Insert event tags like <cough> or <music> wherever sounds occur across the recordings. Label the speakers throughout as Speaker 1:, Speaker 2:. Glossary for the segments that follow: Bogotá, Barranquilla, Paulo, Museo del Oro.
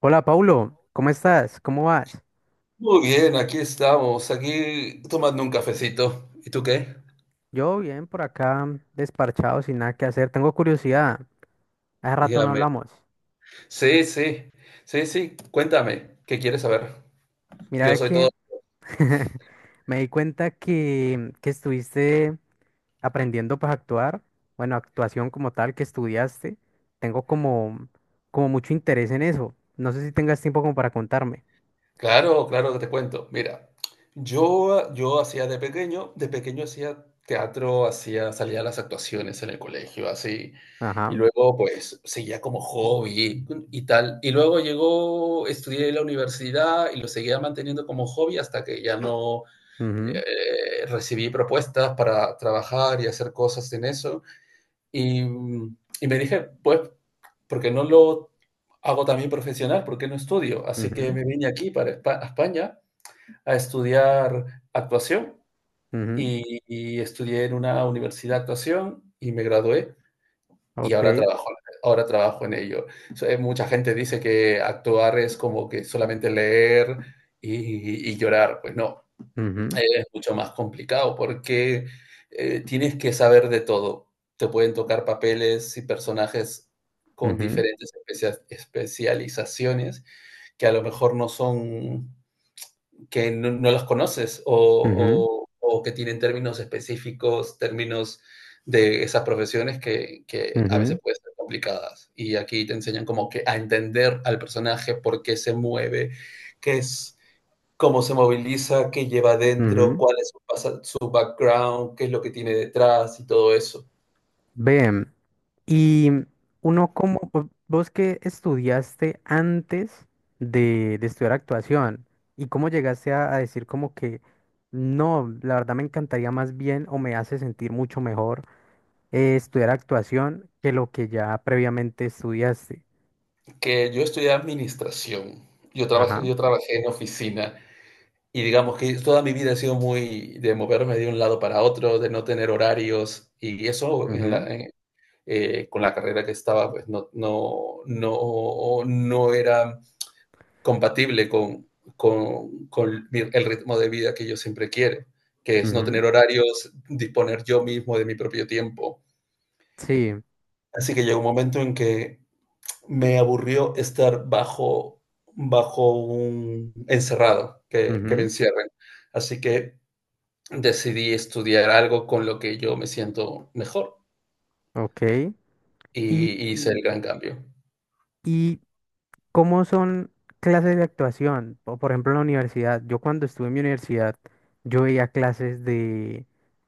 Speaker 1: Hola, Paulo, ¿cómo estás? ¿Cómo vas?
Speaker 2: Muy bien, aquí estamos, aquí tomando un cafecito. ¿Y tú qué?
Speaker 1: Yo bien por acá, desparchado, sin nada que hacer. Tengo curiosidad. Hace rato no
Speaker 2: Dígame.
Speaker 1: hablamos.
Speaker 2: Sí, sí, sí, sí, cuéntame, ¿qué quieres saber? Yo
Speaker 1: Mira
Speaker 2: soy todo...
Speaker 1: que <laughs> me di cuenta que estuviste aprendiendo para actuar. Bueno, actuación como tal que estudiaste. Tengo como mucho interés en eso. No sé si tengas tiempo como para contarme.
Speaker 2: Claro, claro que te cuento. Mira, yo hacía de pequeño hacía teatro, hacía, salía a las actuaciones en el colegio, así. Y
Speaker 1: Ajá.
Speaker 2: luego, pues, seguía como hobby y tal. Y luego llegó, estudié en la universidad y lo seguía manteniendo como hobby hasta que ya no...
Speaker 1: mhm,
Speaker 2: recibí propuestas para trabajar y hacer cosas en eso. Y me dije, pues, ¿porque no lo hago también profesional? ¿Porque no estudio? Así que
Speaker 1: mhm,
Speaker 2: me vine aquí para a España a estudiar actuación
Speaker 1: mhm,
Speaker 2: y estudié en una universidad de actuación y me gradué y
Speaker 1: Ok.
Speaker 2: ahora trabajo en ello. So, mucha gente dice que actuar es como que solamente leer y llorar. Pues no,
Speaker 1: mhm,
Speaker 2: es mucho más complicado porque tienes que saber de todo. Te pueden tocar papeles y personajes con
Speaker 1: mhm,
Speaker 2: diferentes especializaciones que a lo mejor no son, que no las conoces o, o que tienen términos específicos, términos de esas profesiones que a
Speaker 1: mhm,
Speaker 2: veces pueden ser complicadas. Y aquí te enseñan como que a entender al personaje, por qué se mueve, qué es, cómo se moviliza, qué lleva adentro,
Speaker 1: mhm,
Speaker 2: cuál es su, su background, qué es lo que tiene detrás y todo eso.
Speaker 1: Ven, y uno como, vos que estudiaste antes de estudiar actuación, y cómo llegaste a decir como que no, la verdad me encantaría más bien, o me hace sentir mucho mejor, estudiar actuación que lo que ya previamente estudiaste.
Speaker 2: Que yo estudié administración,
Speaker 1: Ajá.
Speaker 2: yo trabajé en oficina y digamos que toda mi vida ha sido muy de moverme de un lado para otro, de no tener horarios y eso en la,
Speaker 1: Ujú,
Speaker 2: con la carrera que estaba, pues no era compatible con el ritmo de vida que yo siempre quiero, que es no
Speaker 1: ujú.
Speaker 2: tener horarios, disponer yo mismo de mi propio tiempo.
Speaker 1: Sí.
Speaker 2: Así que llegó un momento en que me aburrió estar bajo un encerrado, que me
Speaker 1: Ujú.
Speaker 2: encierren. Así que decidí estudiar algo con lo que yo me siento mejor
Speaker 1: Ok. Y,
Speaker 2: y hice el gran cambio.
Speaker 1: y ¿cómo son clases de actuación? O, por ejemplo, en la universidad, yo cuando estuve en mi universidad, yo veía clases de,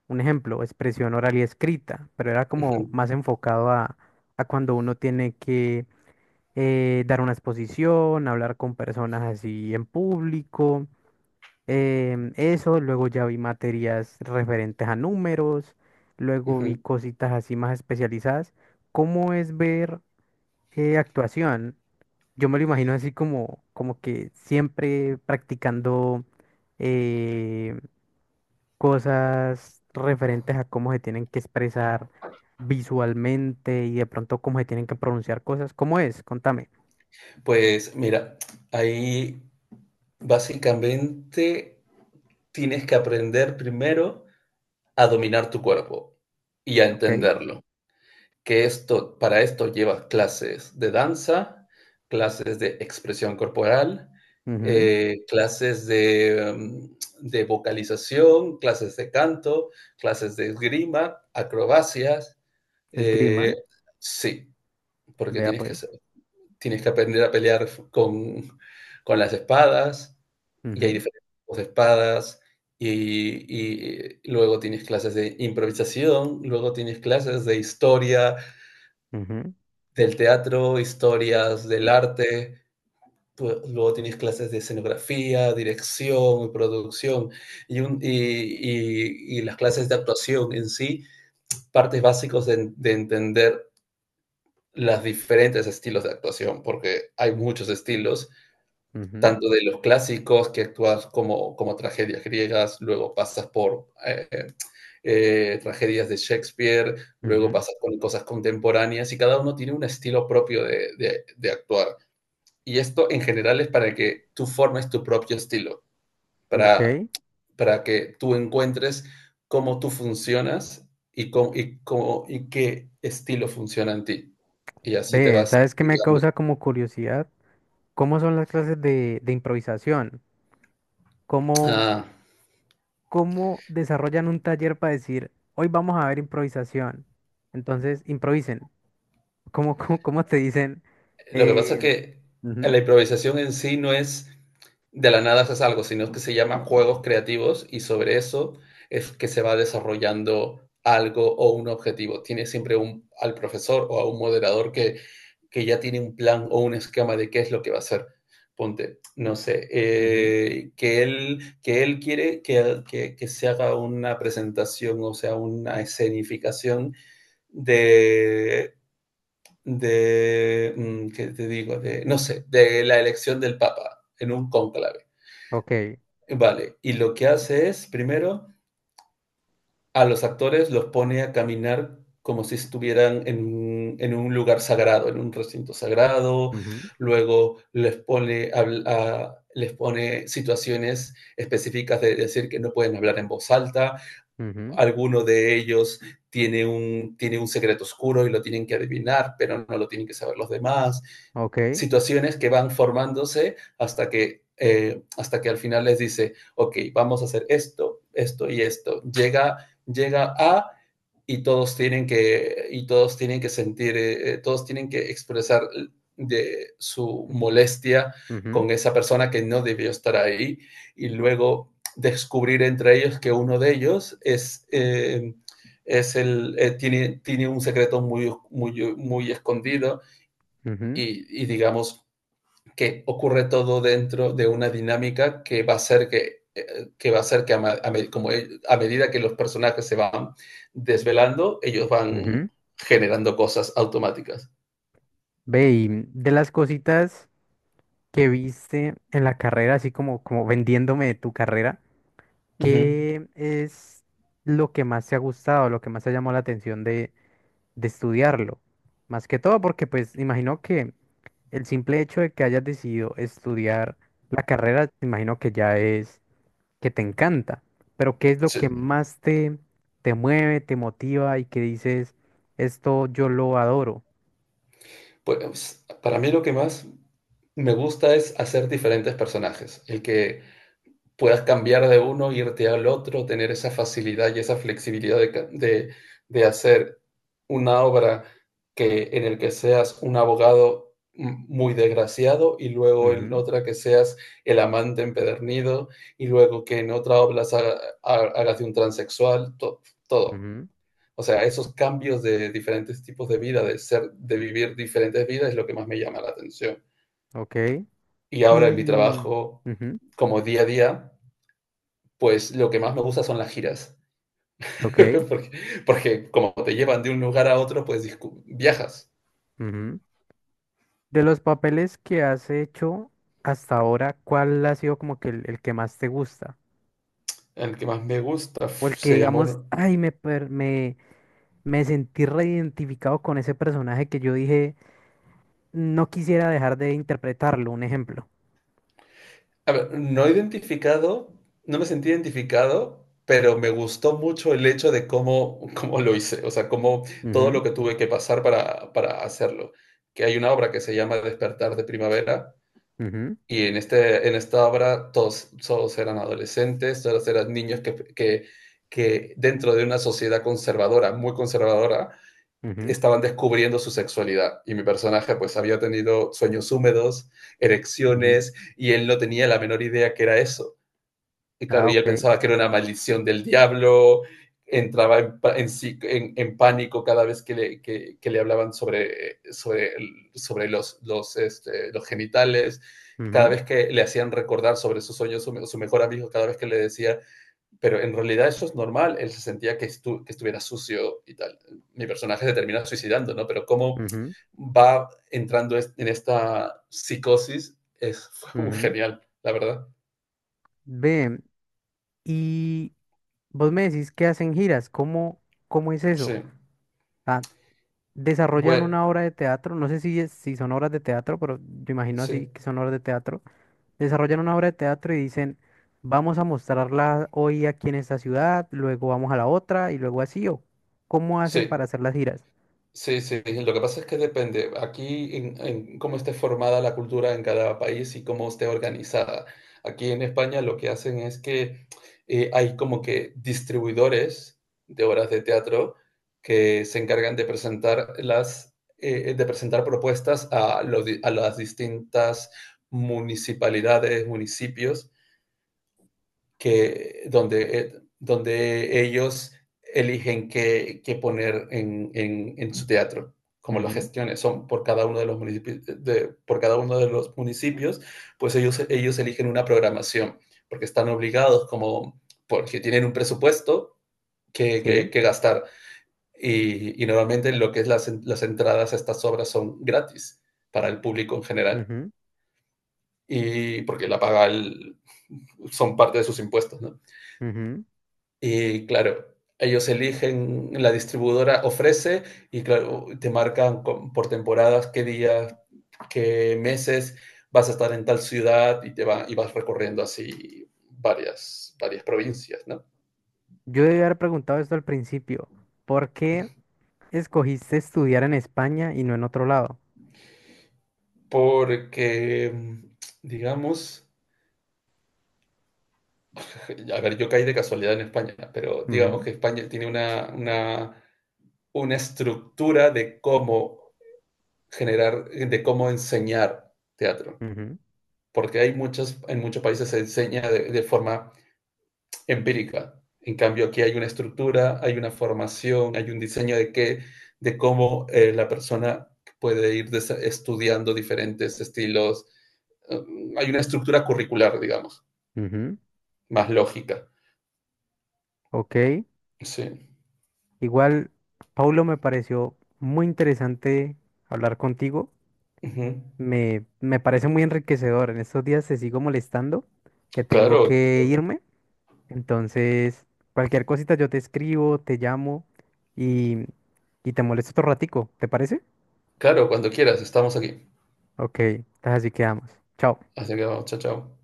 Speaker 1: un ejemplo, expresión oral y escrita, pero era como
Speaker 2: Ujú,
Speaker 1: más enfocado a cuando uno tiene que dar una exposición, hablar con personas así en público, eso, luego ya vi materias referentes a números, luego vi
Speaker 2: ujú.
Speaker 1: cositas así más especializadas. ¿Cómo es ver actuación? Yo me lo imagino así como, como que siempre practicando eh, cosas referentes a cómo se tienen que expresar visualmente y de pronto cómo se tienen que pronunciar cosas. ¿Cómo es? Contame.
Speaker 2: Pues mira, ahí básicamente tienes que aprender primero a dominar tu cuerpo y a
Speaker 1: Ok.
Speaker 2: entenderlo. Que esto, para esto llevas clases de danza, clases de expresión corporal,
Speaker 1: Ujú.
Speaker 2: clases de, de vocalización, clases de canto, clases de esgrima, acrobacias.
Speaker 1: Esgrima.
Speaker 2: eh, sí, porque
Speaker 1: Vea
Speaker 2: tienes que
Speaker 1: pues.
Speaker 2: hacer, tienes que aprender a pelear con las espadas y hay
Speaker 1: Ujú,
Speaker 2: diferentes tipos de espadas y luego tienes clases de improvisación, luego tienes clases de historia
Speaker 1: ujú,
Speaker 2: del teatro, historias del arte, pues, luego tienes clases de escenografía, dirección, producción y las clases de actuación en sí, partes básicas de entender los diferentes estilos de actuación, porque hay muchos estilos,
Speaker 1: ujú,
Speaker 2: tanto de los clásicos que actúas como, como tragedias griegas, luego pasas por tragedias de Shakespeare, luego pasas por cosas contemporáneas y cada uno tiene un estilo propio de actuar. Y esto en general es para que tú formes tu propio estilo,
Speaker 1: ujú. Ok.
Speaker 2: para, para que tú encuentres cómo tú funcionas y qué estilo funciona en ti. Y así te
Speaker 1: Ve,
Speaker 2: vas...
Speaker 1: ¿sabes qué me causa como curiosidad? ¿Cómo son las clases de improvisación?
Speaker 2: Ah,
Speaker 1: ¿Cómo desarrollan un taller para decir, hoy vamos a ver improvisación? Entonces, improvisen. ¿Cómo, cómo te dicen?
Speaker 2: lo que pasa es
Speaker 1: Eh,
Speaker 2: que
Speaker 1: ujú,
Speaker 2: la improvisación en sí no es de la nada haces algo, sino que se llaman juegos creativos y sobre eso es que se va desarrollando algo o un objetivo. Tiene siempre un, al profesor o a un moderador que ya tiene un plan o un esquema de qué es lo que va a hacer. Ponte, no sé,
Speaker 1: ujú,
Speaker 2: que él quiere que, que se haga una presentación, o sea, una escenificación de de, ¿qué te digo? De, no sé, de la elección del Papa en un cónclave.
Speaker 1: ok,
Speaker 2: Vale, y lo que hace es, primero, a los actores los pone a caminar como si estuvieran en un lugar sagrado, en un recinto sagrado,
Speaker 1: ujú,
Speaker 2: luego les pone, les pone situaciones específicas de decir que no pueden hablar en voz alta,
Speaker 1: ujú,
Speaker 2: alguno de ellos tiene un secreto oscuro y lo tienen que adivinar, pero no lo tienen que saber los demás,
Speaker 1: ok,
Speaker 2: situaciones que van formándose hasta que al final les dice, ok, vamos a hacer esto, esto y esto. Llega a, y todos tienen que, y todos tienen que sentir, todos tienen que expresar de su molestia
Speaker 1: ujú,
Speaker 2: con esa persona que no debió estar ahí y luego descubrir entre ellos que uno de ellos es el, tiene, tiene un secreto muy, muy, muy escondido
Speaker 1: ujú,
Speaker 2: y digamos, que ocurre todo dentro de una dinámica que va a ser que, va a ser que como a medida que los personajes se van desvelando, ellos van
Speaker 1: ujú.
Speaker 2: generando cosas automáticas.
Speaker 1: Ve, y de las cositas que viste en la carrera, así como, como vendiéndome de tu carrera,
Speaker 2: Uh -huh.
Speaker 1: ¿qué es lo que más te ha gustado, lo que más te llamó la atención de estudiarlo? Más que todo porque pues imagino que el simple hecho de que hayas decidido estudiar la carrera, te imagino que ya es que te encanta, pero ¿qué es lo que
Speaker 2: Sí,
Speaker 1: más te mueve, te motiva y que dices, esto yo lo adoro?
Speaker 2: pues, para mí lo que más me gusta es hacer diferentes personajes. El que puedas cambiar de uno, irte al otro, tener esa facilidad y esa flexibilidad de hacer una obra que, en el que seas un abogado muy desgraciado y luego en
Speaker 1: Ujú,
Speaker 2: otra que seas el amante empedernido y luego que en otra obra hagas de un transexual, todo.
Speaker 1: ujú,
Speaker 2: O sea, esos cambios de diferentes tipos de vida, de ser, de vivir diferentes vidas es lo que más me llama la atención.
Speaker 1: ok.
Speaker 2: Y ahora en mi
Speaker 1: Y,
Speaker 2: trabajo,
Speaker 1: ujú,
Speaker 2: como día a día, pues lo que más me gusta son las giras,
Speaker 1: ok.
Speaker 2: <laughs> porque, porque, como te llevan de un lugar a otro, pues viajas.
Speaker 1: Ujú. De los papeles que has hecho hasta ahora, ¿cuál ha sido como que el que más te gusta?
Speaker 2: El que más me gusta
Speaker 1: O el que
Speaker 2: se
Speaker 1: digamos,
Speaker 2: llamó...
Speaker 1: ay, me sentí reidentificado con ese personaje que yo dije. No quisiera dejar de interpretarlo, un ejemplo.
Speaker 2: A ver, no he identificado, no me sentí identificado, pero me gustó mucho el hecho de cómo, cómo lo hice, o sea, cómo todo lo
Speaker 1: Ujú,
Speaker 2: que tuve que pasar para hacerlo. Que hay una obra que se llama Despertar de Primavera,
Speaker 1: ujú,
Speaker 2: y en, este, en esta obra todos, todos eran adolescentes, todos eran niños que, que dentro de una sociedad conservadora, muy conservadora,
Speaker 1: ujú,
Speaker 2: estaban descubriendo su sexualidad y mi personaje pues había tenido sueños húmedos,
Speaker 1: ujú.
Speaker 2: erecciones y él no tenía la menor idea que era eso. Y
Speaker 1: Ah,
Speaker 2: claro, y él
Speaker 1: ok.
Speaker 2: pensaba que era una maldición del diablo, entraba sí, en pánico cada vez que le hablaban sobre, sobre los, este, los genitales, cada
Speaker 1: Ujú,
Speaker 2: vez que le hacían recordar sobre sus sueños, su mejor amigo, cada vez que le decía, pero en realidad eso es normal, él se sentía que, estu que estuviera sucio y tal. Mi personaje se termina suicidando, ¿no? Pero cómo
Speaker 1: ujú,
Speaker 2: va entrando en esta psicosis es <laughs> fue muy
Speaker 1: ujú.
Speaker 2: genial, la verdad.
Speaker 1: Ve, y vos me decís que hacen giras, ¿cómo, cómo es
Speaker 2: Sí.
Speaker 1: eso? Ah, desarrollan
Speaker 2: Bueno,
Speaker 1: una obra de teatro, no sé si, si son obras de teatro, pero yo imagino
Speaker 2: sí,
Speaker 1: así que son obras de teatro. Desarrollan una obra de teatro y dicen, vamos a mostrarla hoy aquí en esta ciudad, luego vamos a la otra y luego así, ¿o cómo hacen
Speaker 2: sí,
Speaker 1: para hacer las giras?
Speaker 2: sí, sí. Lo que pasa es que depende aquí en cómo esté formada la cultura en cada país y cómo esté organizada. Aquí en España lo que hacen es que hay como que distribuidores de obras de teatro que se encargan de presentar las, de presentar propuestas a, a las distintas municipalidades, municipios que, donde, donde ellos eligen qué, qué poner en su teatro, como las
Speaker 1: Ujú.
Speaker 2: gestiones son por cada uno de los municipios, de, por cada uno de los municipios, pues ellos eligen una programación, porque están obligados como, porque tienen un presupuesto
Speaker 1: Sí.
Speaker 2: que gastar. Y normalmente lo que es las entradas a estas obras son gratis para el público en general, y porque la paga el, son parte de sus impuestos, ¿no?
Speaker 1: Ujú.
Speaker 2: Y claro, ellos eligen, la distribuidora ofrece y claro, te marcan por temporadas qué días, qué meses vas a estar en tal ciudad y te va, y vas recorriendo así varias, varias provincias, ¿no?
Speaker 1: Yo debí haber preguntado esto al principio. ¿Por qué escogiste estudiar en España y no en otro lado?
Speaker 2: Porque, mm, digamos, a ver, yo caí de casualidad en España, pero digamos
Speaker 1: Ujú,
Speaker 2: que España tiene una estructura de cómo generar, de cómo enseñar teatro. Porque hay muchos, en muchos países se enseña de forma empírica. En cambio, aquí hay una estructura, hay una formación, hay un diseño de qué, de cómo, la persona puede ir estudiando diferentes estilos. Hay una estructura curricular, digamos,
Speaker 1: ujú, ujú.
Speaker 2: más lógica.
Speaker 1: Ok.
Speaker 2: Sí.
Speaker 1: Igual, Paulo, me pareció muy interesante hablar contigo.
Speaker 2: Uh -huh.
Speaker 1: Me parece muy enriquecedor. En estos días te sigo molestando, que tengo
Speaker 2: Claro,
Speaker 1: que irme. Entonces, cualquier cosita yo te escribo, te llamo y, y te molesto otro ratico. ¿Te parece?
Speaker 2: claro, cuando quieras, estamos aquí.
Speaker 1: Ok. Entonces así quedamos. Chao.
Speaker 2: Así que vamos, chao, chao.